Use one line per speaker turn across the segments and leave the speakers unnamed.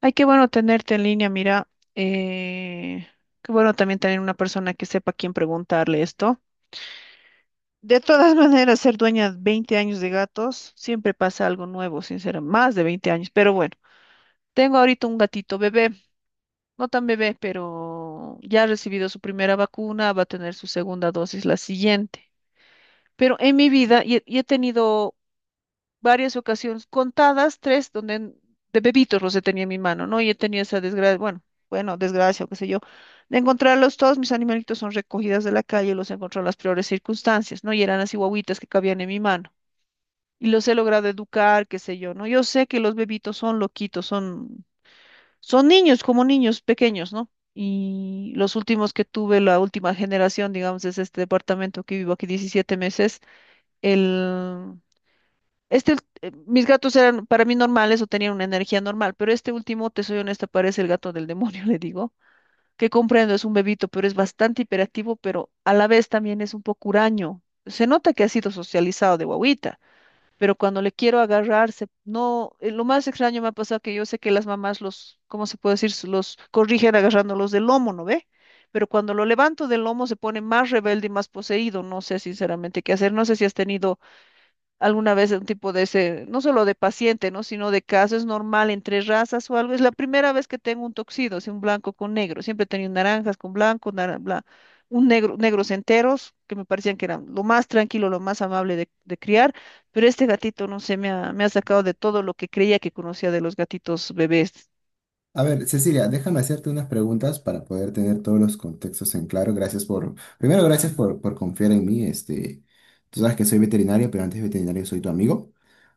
Ay, qué bueno tenerte en línea, mira. eh, Qué bueno también tener una persona que sepa a quién preguntarle esto. De todas maneras, ser dueña de 20 años de gatos, siempre pasa algo nuevo, sinceramente, más de 20 años. Pero bueno, tengo ahorita un gatito bebé, no tan bebé, pero ya ha recibido su primera vacuna, va a tener su segunda dosis la siguiente. Pero en mi vida, y he tenido varias ocasiones, contadas, tres, donde de bebitos los he tenido en mi mano, ¿no? Y he tenido esa desgracia, bueno, bueno, desgracia o qué sé yo, de encontrarlos todos, mis animalitos son recogidas de la calle, los he encontrado en las peores circunstancias, ¿no? Y eran así guaguitas que cabían en mi mano. Y los he logrado educar, qué sé yo, ¿no? Yo sé que los bebitos son loquitos, son niños, como niños pequeños, ¿no? Y los últimos que tuve, la última generación, digamos, es este departamento que vivo aquí 17 meses, el mis gatos eran para mí normales o tenían una energía normal, pero este último, te soy honesta, parece el gato del demonio, le digo, que comprendo, es un bebito, pero es bastante hiperactivo, pero a la vez también es un poco huraño. Se nota que ha sido socializado de guagüita, pero cuando le quiero agarrarse, no, lo más extraño me ha pasado que yo sé que las mamás los, ¿cómo se puede decir? Los corrigen agarrándolos del lomo, ¿no ve? Pero cuando lo levanto del lomo se pone más rebelde y más poseído. No sé sinceramente qué hacer. No sé si has tenido alguna vez un tipo de ese, no solo de paciente, ¿no? Sino de caso, es normal entre razas o algo. Es la primera vez que tengo un toxido, así un blanco con negro. Siempre he tenido naranjas con blanco, un negro, negros enteros, que me parecían que eran lo más tranquilo, lo más amable de criar. Pero este gatito, no sé, me ha sacado de todo lo que creía que conocía de los gatitos bebés.
A ver, Cecilia, déjame hacerte unas preguntas para poder tener todos los contextos en claro. Primero, gracias por confiar en mí. Tú sabes que soy veterinario, pero antes de veterinario soy tu amigo.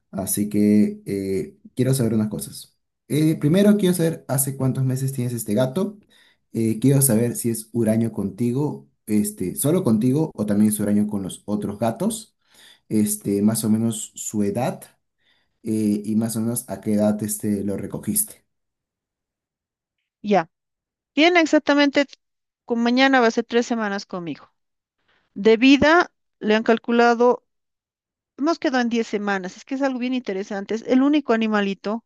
Así que quiero saber unas cosas. Primero, quiero saber hace cuántos meses tienes este gato. Quiero saber si es huraño contigo, solo contigo o también es huraño con los otros gatos. Más o menos su edad y más o menos a qué edad lo recogiste.
Ya. Tiene exactamente, con mañana va a ser 3 semanas conmigo. De vida, le han calculado. Hemos quedado en 10 semanas, es que es algo bien interesante. Es el único animalito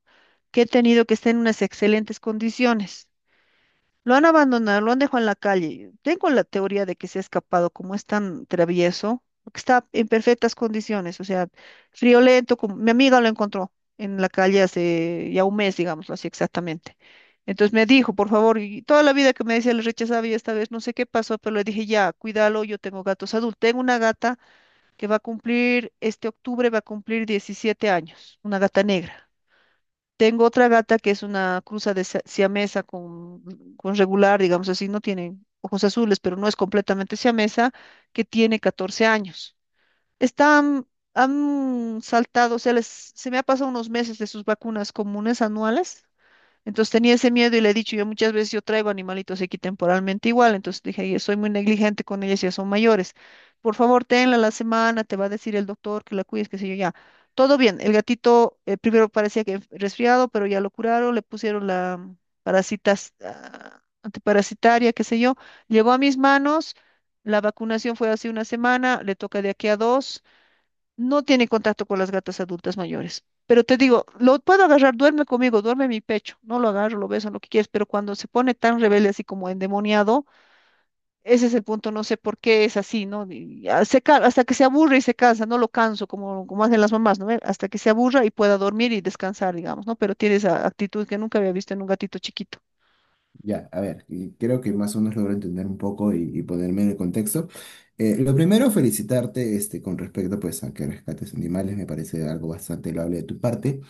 que he tenido que está en unas excelentes condiciones. Lo han abandonado, lo han dejado en la calle. Tengo la teoría de que se ha escapado, como es tan travieso, porque está en perfectas condiciones, o sea, friolento, como mi amiga lo encontró en la calle hace ya un mes, digámoslo así exactamente. Entonces me dijo, por favor, y toda la vida que me decía le rechazaba y esta vez no sé qué pasó, pero le dije, ya, cuídalo, yo tengo gatos adultos. Tengo una gata que va a cumplir, este octubre va a cumplir 17 años, una gata negra. Tengo otra gata que es una cruza de siamesa con regular, digamos así, no tiene ojos azules, pero no es completamente siamesa, que tiene 14 años. Están, han saltado, o sea, se me ha pasado unos meses de sus vacunas comunes anuales, entonces tenía ese miedo y le he dicho, yo muchas veces yo traigo animalitos aquí temporalmente igual, entonces dije, "Yo soy muy negligente con ellas, ya son mayores. Por favor, tenla la semana, te va a decir el doctor que la cuides, qué sé yo, ya". Todo bien, el gatito primero parecía que resfriado, pero ya lo curaron, le pusieron la parasitas, ah, antiparasitaria, qué sé yo. Llegó a mis manos, la vacunación fue hace una semana, le toca de aquí a dos. No tiene contacto con las gatas adultas mayores. Pero te digo, lo puedo agarrar, duerme conmigo, duerme en mi pecho. No lo agarro, lo beso, lo que quieras, pero cuando se pone tan rebelde, así como endemoniado, ese es el punto, no sé por qué es así, ¿no? Y hasta que se aburre y se cansa, no lo canso, como hacen las mamás, ¿no? Hasta que se aburra y pueda dormir y descansar, digamos, ¿no? Pero tiene esa actitud que nunca había visto en un gatito chiquito.
Ya, a ver, y creo que más o menos logro entender un poco y ponerme en el contexto. Lo primero, felicitarte con respecto pues, a que rescates animales, me parece algo bastante loable de tu parte.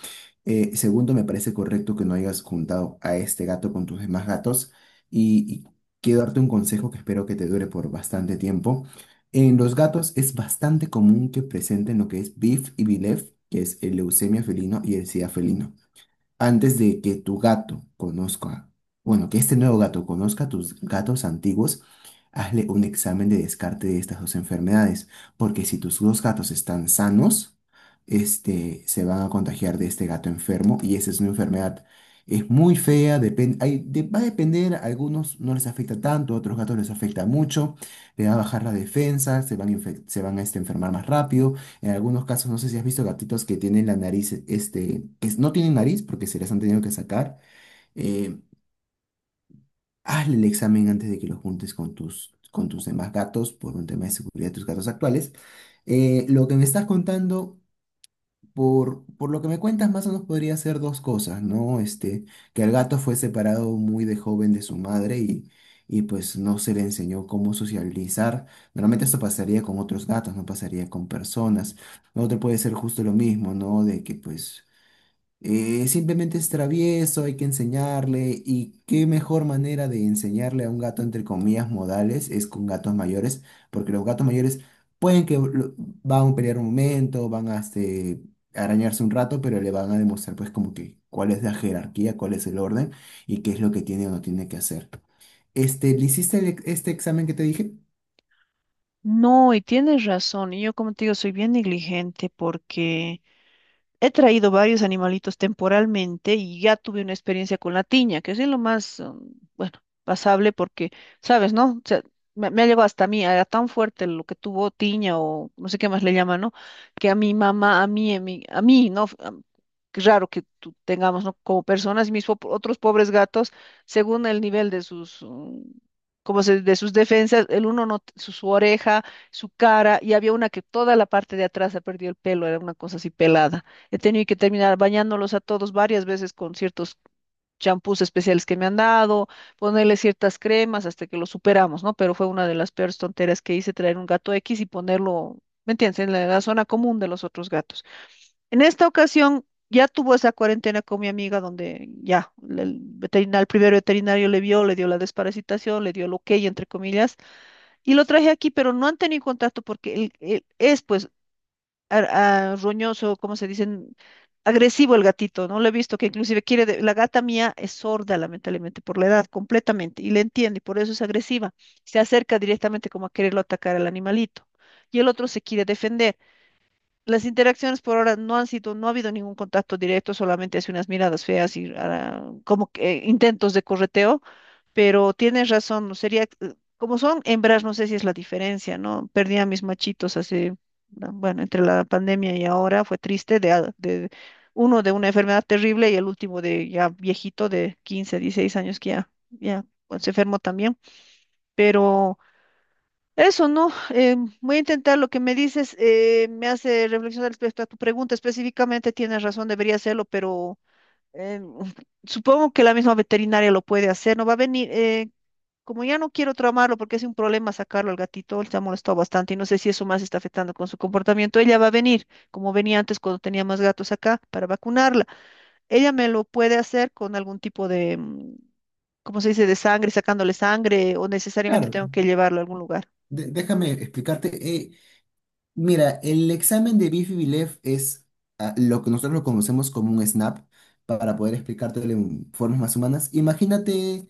Segundo, me parece correcto que no hayas juntado a este gato con tus demás gatos y quiero darte un consejo que espero que te dure por bastante tiempo. En los gatos es bastante común que presenten lo que es BIF y BILEF, que es el leucemia felino y el SIDA felino. Antes de que tu gato conozca, bueno, que este nuevo gato conozca a tus gatos antiguos, hazle un examen de descarte de estas dos enfermedades, porque si tus dos gatos están sanos, se van a contagiar de este gato enfermo y esa es una enfermedad. Es muy fea, va a depender, a algunos no les afecta tanto, a otros gatos les afecta mucho, le va a bajar la defensa, se van a enfermar más rápido. En algunos casos, no sé si has visto gatitos que tienen la nariz, que no tienen nariz porque se las han tenido que sacar. Eh, hazle el examen antes de que lo juntes con con tus demás gatos por un tema de seguridad de tus gatos actuales. Lo que me estás contando por lo que me cuentas, más o menos podría ser dos cosas, ¿no? Que el gato fue separado muy de joven de su madre y pues no se le enseñó cómo socializar. Normalmente esto pasaría con otros gatos, no pasaría con personas. Otro puede ser justo lo mismo, ¿no? De que pues simplemente es travieso, hay que enseñarle y qué mejor manera de enseñarle a un gato entre comillas modales es con gatos mayores, porque los gatos mayores pueden que van a pelear un momento, van a arañarse un rato, pero le van a demostrar pues como que cuál es la jerarquía, cuál es el orden y qué es lo que tiene o no tiene que hacer. ¿Le hiciste el este examen que te dije?
No, y tienes razón. Y yo, como te digo, soy bien negligente porque he traído varios animalitos temporalmente y ya tuve una experiencia con la tiña, que es lo más, bueno, pasable porque, ¿sabes, no? O sea, me ha llevado hasta a mí, era tan fuerte lo que tuvo tiña o no sé qué más le llaman, ¿no? Que a mi mamá, a mí, ¿no? Qué raro que tengamos, ¿no? Como personas, y mis otros pobres gatos, según el nivel de sus, como se, de sus defensas, el uno no, su, su oreja, su cara, y había una que toda la parte de atrás ha perdido el pelo, era una cosa así pelada. He tenido que terminar bañándolos a todos varias veces con ciertos champús especiales que me han dado, ponerle ciertas cremas hasta que lo superamos, ¿no? Pero fue una de las peores tonteras que hice, traer un gato X y ponerlo, ¿me entiendes?, en la zona común de los otros gatos. En esta ocasión ya tuvo esa cuarentena con mi amiga donde ya el veterinario, el primer veterinario le vio, le dio la desparasitación, le dio el ok, entre comillas, y lo traje aquí, pero no han tenido contacto porque es pues roñoso, ¿cómo se dicen? Agresivo el gatito, ¿no? Lo he visto que inclusive quiere, de- la gata mía es sorda, lamentablemente, por la edad, completamente, y le entiende, y por eso es agresiva. Se acerca directamente como a quererlo atacar al animalito. Y el otro se quiere defender. Las interacciones por ahora no han sido, no ha habido ningún contacto directo, solamente hace unas miradas feas y ah, como que intentos de correteo, pero tienes razón, no sería, como son hembras, no sé si es la diferencia, ¿no? Perdí a mis machitos hace, ah, bueno, entre la pandemia y ahora, fue triste, de, a- de uno de una enfermedad terrible y el último de ya viejito de 15, 16 años que ya, ya pues, se enfermó también, pero... Eso, ¿no? Voy a intentar lo que me dices, me hace reflexionar respecto a tu pregunta específicamente, tienes razón, debería hacerlo, pero eh, supongo que la misma veterinaria lo puede hacer, ¿no? Va a venir, como ya no quiero traumarlo porque es un problema sacarlo al gatito, él se ha molestado bastante y no sé si eso más está afectando con su comportamiento, ella va a venir, como venía antes cuando tenía más gatos acá, para vacunarla. Ella me lo puede hacer con algún tipo de, ¿cómo se dice?, de sangre, sacándole sangre o necesariamente
Claro,
tengo que llevarlo a algún lugar.
déjame explicarte. eh, Mira, el examen de bifi es lo que nosotros lo conocemos como un SNAP, para poder explicártelo en formas más humanas. Imagínate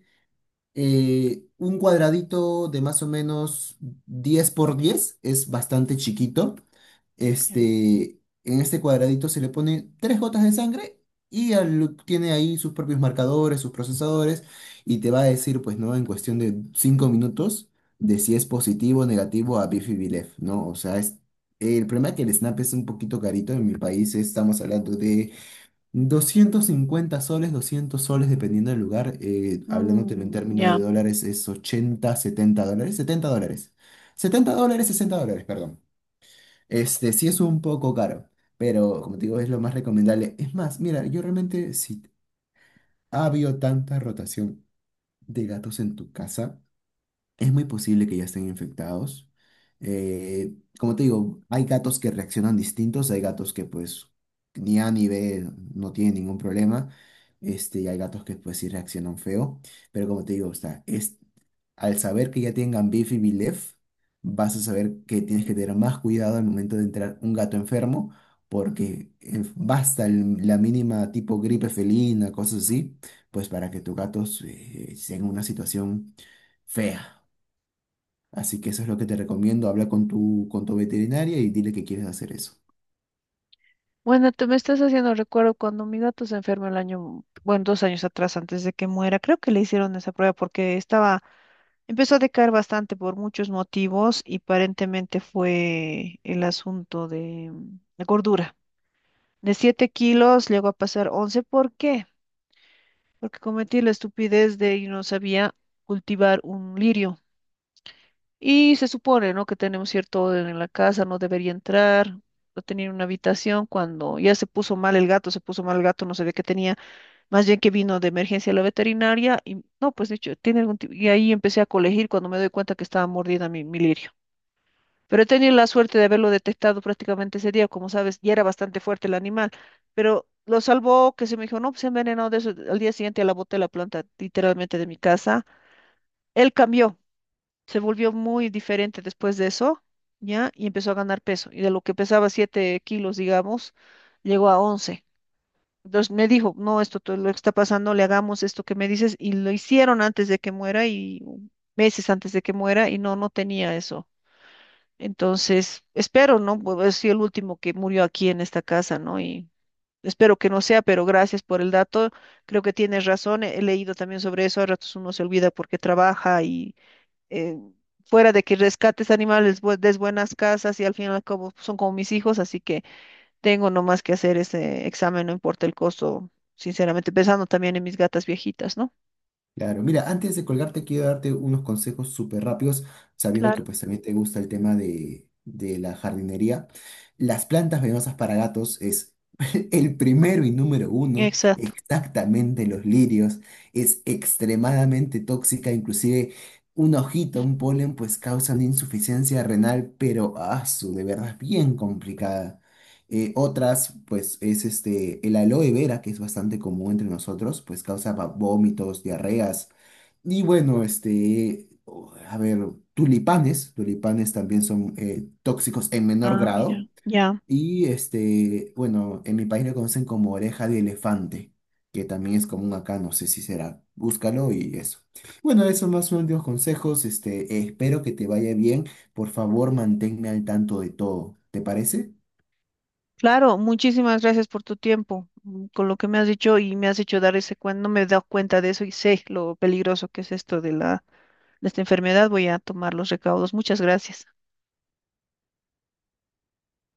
un cuadradito de más o menos 10 por 10, es bastante chiquito, en este cuadradito se le pone tres gotas de sangre y tiene ahí sus propios marcadores, sus procesadores y te va a decir, pues, ¿no? En cuestión de 5 minutos de si es positivo o negativo a Bifidilef, ¿no? O sea, es, el problema es que el SNAP es un poquito carito en mi país, estamos hablando de 250 soles, 200 soles dependiendo del lugar, hablándotelo en
Mm,
términos de
ya.
dólares es 80, 70 dólares, 70 dólares. Setenta dólares, 60 dólares, perdón. Este sí es un poco caro, pero como te digo, es lo más recomendable. Es más, mira, yo realmente si ha habido tanta rotación de gatos en tu casa, es muy posible que ya estén infectados. Eh, como te digo, hay gatos que reaccionan distintos, hay gatos que pues ni A ni B no tienen ningún problema, y hay gatos que pues sí reaccionan feo, pero como te digo, o sea, es, al saber que ya tengan Bifi y Vilef, vas a saber que tienes que tener más cuidado al momento de entrar un gato enfermo, porque basta la mínima tipo gripe felina, cosas así, pues para que tu gato esté en una situación fea. Así que eso es lo que te recomiendo, habla con con tu veterinaria y dile que quieres hacer eso.
Bueno, tú me estás haciendo recuerdo cuando mi gato se enfermó el año, bueno, dos años atrás, antes de que muera. Creo que le hicieron esa prueba porque estaba, empezó a decaer bastante por muchos motivos y aparentemente fue el asunto de, la gordura. De 7 kilos llegó a pasar 11. ¿Por qué? Porque cometí la estupidez de y no sabía cultivar un lirio. Y se supone, ¿no? Que tenemos cierto orden en la casa, no debería entrar, no tenía una habitación. Cuando ya se puso mal el gato, no sabía qué tenía, más bien que vino de emergencia a la veterinaria y no, pues dicho, tiene algún tipo. Y ahí empecé a colegir cuando me doy cuenta que estaba mordida mi lirio. Pero he tenido la suerte de haberlo detectado prácticamente ese día, como sabes, ya era bastante fuerte el animal, pero lo salvó que se me dijo, no, pues se ha envenenado de eso. Al día siguiente la boté la planta literalmente de mi casa. Él cambió, se volvió muy diferente después de eso, ¿ya? Y empezó a ganar peso. Y de lo que pesaba 7 kilos, digamos, llegó a once. Entonces me dijo, no, esto todo lo que está pasando, le hagamos esto que me dices. Y lo hicieron antes de que muera y meses antes de que muera y no, no tenía eso. Entonces, espero, ¿no? Pues es el último que murió aquí en esta casa, ¿no? Y espero que no sea, pero gracias por el dato. Creo que tienes razón. He leído también sobre eso. A ratos uno se olvida porque trabaja y eh, fuera de que rescates animales, des buenas casas y al final como son como mis hijos, así que tengo nomás que hacer ese examen, no importa el costo, sinceramente, pensando también en mis gatas viejitas, ¿no?
Claro, mira, antes de colgarte quiero darte unos consejos súper rápidos, sabiendo que
Claro,
pues también te gusta el tema de la jardinería. Las plantas venenosas para gatos es el primero y número uno,
exacto.
exactamente los lirios, es extremadamente tóxica, inclusive una hojita, un polen, pues causan insuficiencia renal, pero su de verdad es bien complicada. Otras, pues, es el aloe vera, que es bastante común entre nosotros, pues causa vómitos, diarreas. Y bueno, a ver, tulipanes también son tóxicos en menor
Ah, mira,
grado.
ya.
Y bueno, en mi país lo conocen como oreja de elefante, que también es común acá, no sé si será. Búscalo y eso. Bueno, esos más son los consejos. Espero que te vaya bien. Por favor, manténme al tanto de todo. ¿Te parece?
Claro, muchísimas gracias por tu tiempo, con lo que me has dicho y me has hecho dar ese cuenta, no me he dado cuenta de eso y sé lo peligroso que es esto de la, de esta enfermedad, voy a tomar los recaudos. Muchas gracias.